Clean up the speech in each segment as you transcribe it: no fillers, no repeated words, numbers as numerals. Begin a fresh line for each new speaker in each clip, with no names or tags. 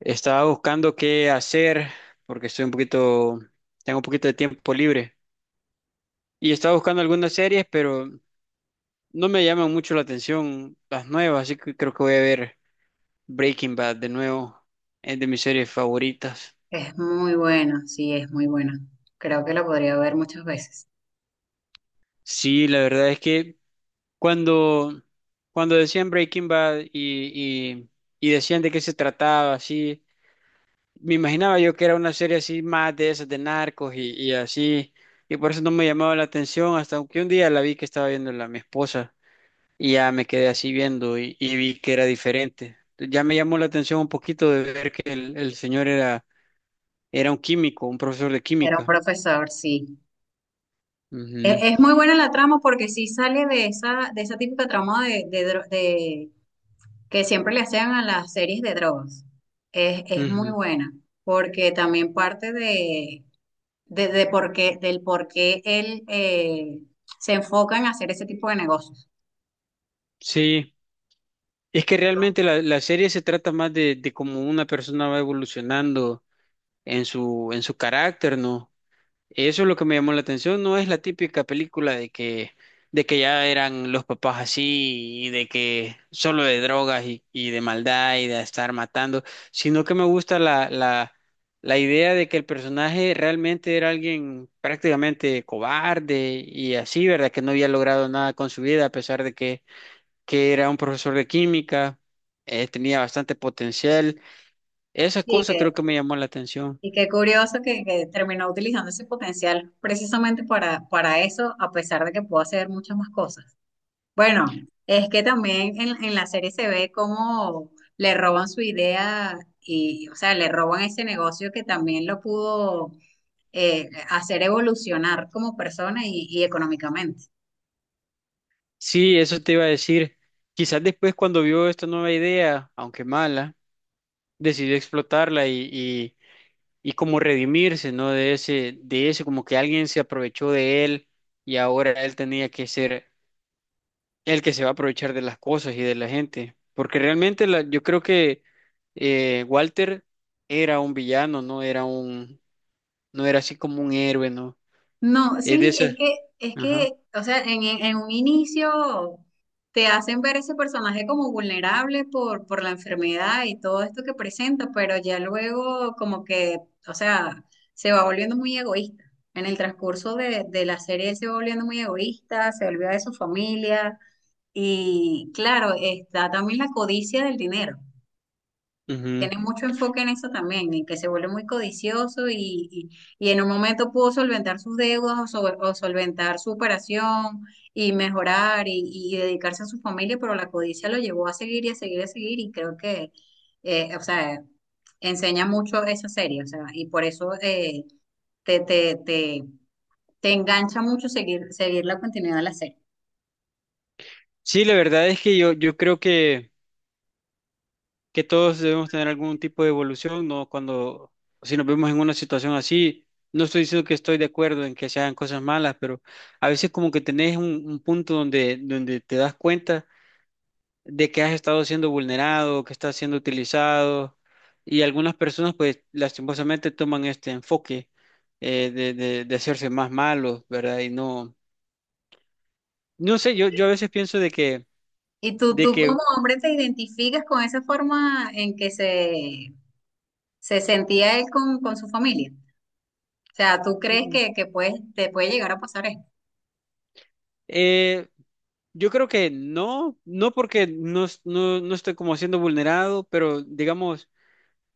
Estaba buscando qué hacer porque estoy un poquito, tengo un poquito de tiempo libre. Y estaba buscando algunas series, pero no me llaman mucho la atención las nuevas, así que creo que voy a ver Breaking Bad de nuevo. Es de mis series favoritas.
Es muy buena, sí, es muy buena. Creo que la podría ver muchas veces.
Sí, la verdad es que cuando, cuando decían Breaking Bad y decían de qué se trataba, así. Me imaginaba yo que era una serie así más de esas de narcos y así, y por eso no me llamaba la atención, hasta que un día la vi que estaba viendo la mi esposa y ya me quedé así viendo y vi que era diferente. Ya me llamó la atención un poquito de ver que el señor era, era un químico, un profesor de
Era un
química.
profesor, sí. Muy buena la trama porque sí sale de esa típica trama de que siempre le hacían a las series de drogas. Es
Ujú,
muy
ujú.
buena porque también parte de por qué, del por qué él se enfoca en hacer ese tipo de negocios.
Sí, es que
¿No?
realmente la serie se trata más de cómo una persona va evolucionando en su carácter, ¿no? Eso es lo que me llamó la atención, no es la típica película de que ya eran los papás así y de que solo de drogas y de maldad y de estar matando, sino que me gusta la idea de que el personaje realmente era alguien prácticamente cobarde y así, ¿verdad? Que no había logrado nada con su vida a pesar de que era un profesor de química, tenía bastante potencial. Esa
Sí,
cosa creo
que
que me llamó la atención.
y qué curioso que terminó utilizando ese potencial precisamente para eso, a pesar de que pudo hacer muchas más cosas. Bueno, es que también en la serie se ve cómo le roban su idea y, o sea, le roban ese negocio que también lo pudo hacer evolucionar como persona y económicamente.
Sí, eso te iba a decir. Quizás después cuando vio esta nueva idea, aunque mala, decidió explotarla y como redimirse, ¿no? De ese, como que alguien se aprovechó de él y ahora él tenía que ser el que se va a aprovechar de las cosas y de la gente. Porque realmente la- yo creo que Walter era un villano, no era un, no era así como un héroe, ¿no?
No,
Es de
sí,
esas. Ajá.
o sea, en un inicio te hacen ver ese personaje como vulnerable por la enfermedad y todo esto que presenta, pero ya luego como que, o sea, se va volviendo muy egoísta. En el transcurso de la serie él se va volviendo muy egoísta, se olvida de su familia y claro, está también la codicia del dinero,
Ujú.
tiene mucho enfoque en eso también, en que se vuelve muy codicioso y en un momento pudo solventar sus deudas o solventar su operación y mejorar y dedicarse a su familia, pero la codicia lo llevó a seguir y a seguir y a seguir y creo que, o sea, enseña mucho esa serie, o sea, y por eso te, te, te, te engancha mucho seguir, seguir la continuidad de la serie.
Sí, la verdad es que yo creo que todos debemos tener algún tipo de evolución, ¿no? Cuando, si nos vemos en una situación así, no estoy diciendo que estoy de acuerdo en que se hagan cosas malas, pero a veces como que tenés un punto donde, donde te das cuenta de que has estado siendo vulnerado, que estás siendo utilizado, y algunas personas pues lastimosamente toman este enfoque de hacerse más malos, ¿verdad? Y no, no sé, yo a veces pienso
¿Y tú,
de
tú
que
como hombre te identificas con esa forma en que se sentía él con su familia? O sea, ¿tú crees que puedes, te puede llegar a pasar esto?
Eh, yo creo que no, no porque no, es- no, no estoy como siendo vulnerado, pero digamos,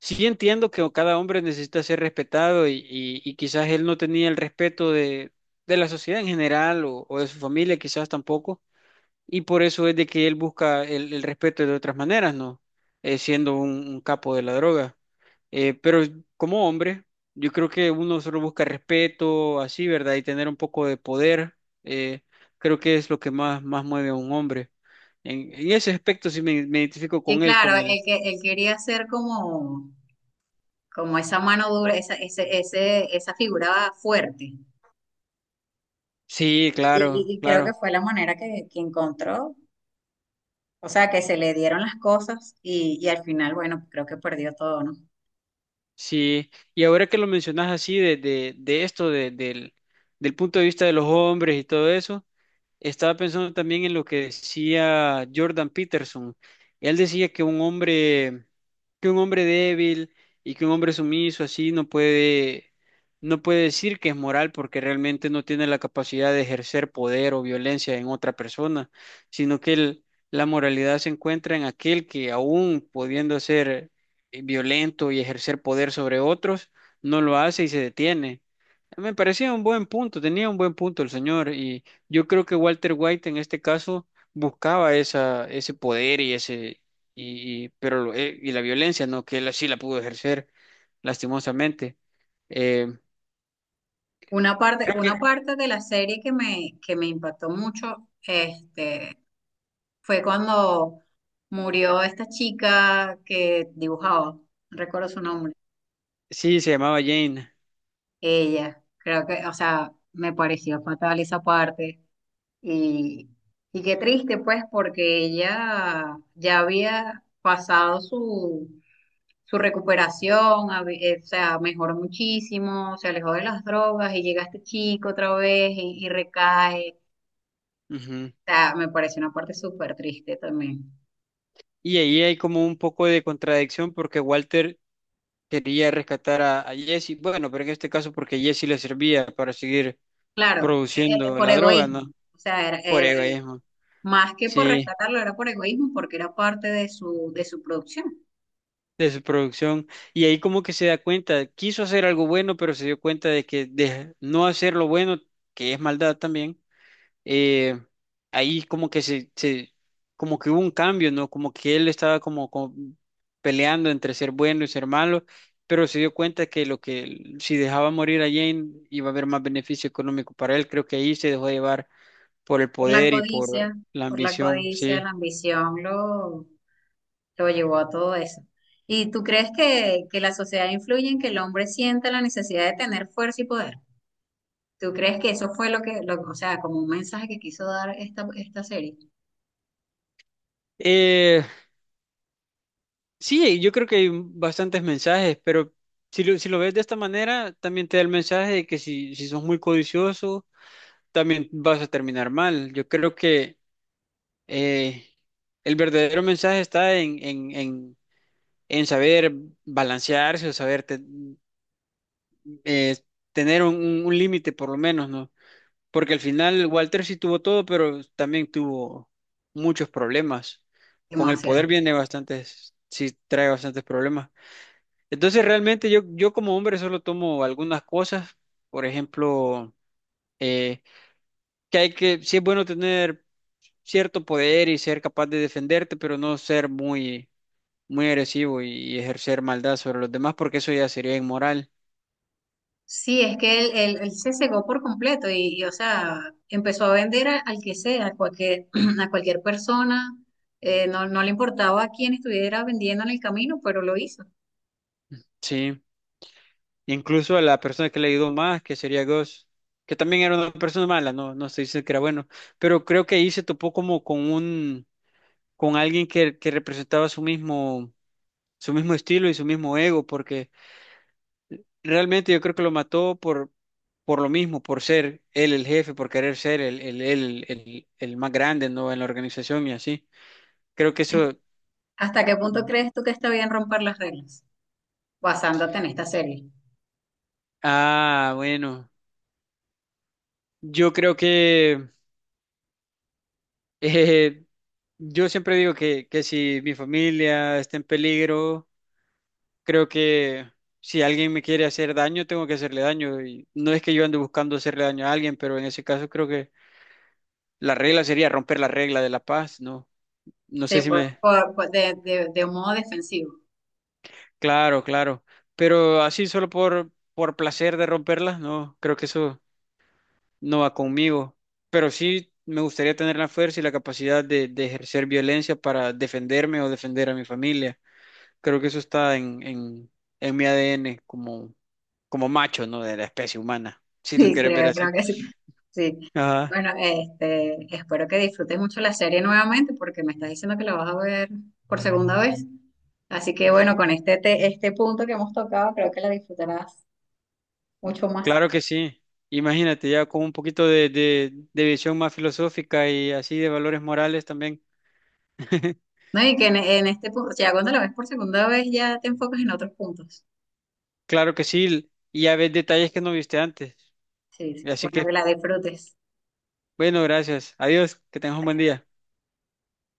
sí entiendo que cada hombre necesita ser respetado y quizás él no tenía el respeto de la sociedad en general o de su familia, quizás tampoco. Y por eso es de que él busca el respeto de otras maneras, ¿no? Siendo un capo de la droga. Pero como hombre, yo creo que uno solo busca respeto, así, ¿verdad? Y tener un poco de poder, eh, creo que es lo que más, más mueve a un hombre. En ese aspecto sí me identifico
Y
con él,
claro,
con
él,
él.
que, él quería ser como, como esa mano dura, esa, ese, esa figura fuerte.
Sí, claro,
Y creo que
claro,
fue la manera que encontró. O sea, que se le dieron las cosas y al final, bueno, creo que perdió todo, ¿no?
sí. Y ahora que lo mencionas así de esto, de- del, del punto de vista de los hombres y todo eso. Estaba pensando también en lo que decía Jordan Peterson. Él decía que un hombre débil y que un hombre sumiso así no puede, no puede decir que es moral porque realmente no tiene la capacidad de ejercer poder o violencia en otra persona, sino que el- la moralidad se encuentra en aquel que aún pudiendo ser violento y ejercer poder sobre otros, no lo hace y se detiene. Me parecía un buen punto, tenía un buen punto el señor y yo creo que Walter White en este caso buscaba esa, ese poder y ese pero lo- y la violencia, ¿no? Que él así la pudo ejercer lastimosamente. Eh, creo
Una
que
parte de la serie que me impactó mucho, este, fue cuando murió esta chica que dibujaba, no recuerdo su nombre.
sí, se llamaba Jane.
Ella, creo que, o sea, me pareció fatal esa parte. Y, y qué triste, pues, porque ella ya había pasado su, su recuperación, o sea, mejoró muchísimo, se alejó de las drogas y llega este chico otra vez y recae.
Ujú.
O sea, me pareció una parte súper triste también.
Y ahí hay como un poco de contradicción porque Walter quería rescatar a Jesse, bueno, pero en este caso porque Jesse le servía para seguir
Claro,
produciendo
por
la droga,
egoísmo.
¿no?
O sea,
Por egoísmo.
más que por
Sí.
rescatarlo, era por egoísmo porque era parte de su producción.
De su producción y ahí como que se da cuenta, quiso hacer algo bueno, pero se dio cuenta de que de no hacer lo bueno, que es maldad también, eh, ahí como que como que hubo un cambio, ¿no? Como que él estaba como, como peleando entre ser bueno y ser malo, pero se dio cuenta que lo que si dejaba morir a Jane iba a haber más beneficio económico para él, creo que ahí se dejó llevar por el
Por la
poder y por
codicia,
la
por la
ambición,
codicia,
sí.
la ambición lo llevó a todo eso. ¿Y tú crees que la sociedad influye en que el hombre sienta la necesidad de tener fuerza y poder? ¿Tú crees que eso fue lo que, lo- o sea, como un mensaje que quiso dar esta, esta serie?
Eh, Sí, yo creo que hay bastantes mensajes, pero si lo, si lo ves de esta manera, también te da el mensaje de que si, si sos muy codicioso, también vas a terminar mal. Yo creo que eh, el verdadero mensaje está en saber balancearse o saber te- eh, tener un límite por lo menos, ¿no? Porque al final Walter sí tuvo todo, pero también tuvo muchos problemas. Con el
Demasiado.
poder viene bastantes, sí trae bastantes problemas. Entonces realmente yo como hombre solo tomo algunas cosas, por ejemplo, eh, que hay que, sí es bueno tener cierto poder y ser capaz de defenderte, pero no ser muy, muy agresivo y ejercer maldad sobre los demás, porque eso ya sería inmoral,
Sí, es que él- él se cegó por completo y, o sea, empezó a vender al que sea, a cualquier, a cualquier persona. No, no le importaba a quién estuviera vendiendo en el camino, pero lo hizo.
sí. Incluso a la persona que le ayudó más, que sería Ghost, que también era una persona mala, no, no se dice que era bueno, pero creo que ahí se topó como con un, con alguien que representaba su mismo estilo y su mismo ego, porque realmente yo creo que lo mató por lo mismo, por ser él el jefe, por querer ser el más grande, ¿no? En la organización y así. Creo que eso...
¿Hasta qué punto crees tú que está bien romper las reglas? Basándote en esta serie.
Ah, bueno. Yo creo que... eh, yo siempre digo que si mi familia está en peligro, creo que si alguien me quiere hacer daño, tengo que hacerle daño. Y no es que yo ande buscando hacerle daño a alguien, pero en ese caso creo que la regla sería romper la regla de la paz, ¿no? No sé
Sí,
si me,
de un modo defensivo.
claro, claro. Pero así solo por placer de romperlas, no, creo que eso no va conmigo. Pero sí me gustaría tener la fuerza y la capacidad de ejercer violencia para defenderme o defender a mi familia. Creo que eso está en mi ADN como, como macho, ¿no? De la especie humana, si lo
Sí,
quieres ver
creo, creo
así.
que sí. Sí.
Ajá,
Bueno, este, espero que disfrutes mucho la serie nuevamente porque me estás diciendo que la vas a ver por segunda vez. Así que bueno, con este, este punto que hemos tocado, creo que la disfrutarás mucho más.
claro que sí. Imagínate, ya con un poquito de, de visión más filosófica y así de valores morales también.
No, y que en este punto, ya cuando la ves por segunda vez, ya te enfocas en otros puntos.
Claro que sí, y ya ves detalles que no viste antes.
Sí, sí.
Así
Bueno, que
que,
la disfrutes.
bueno, gracias. Adiós, que tengas un buen día.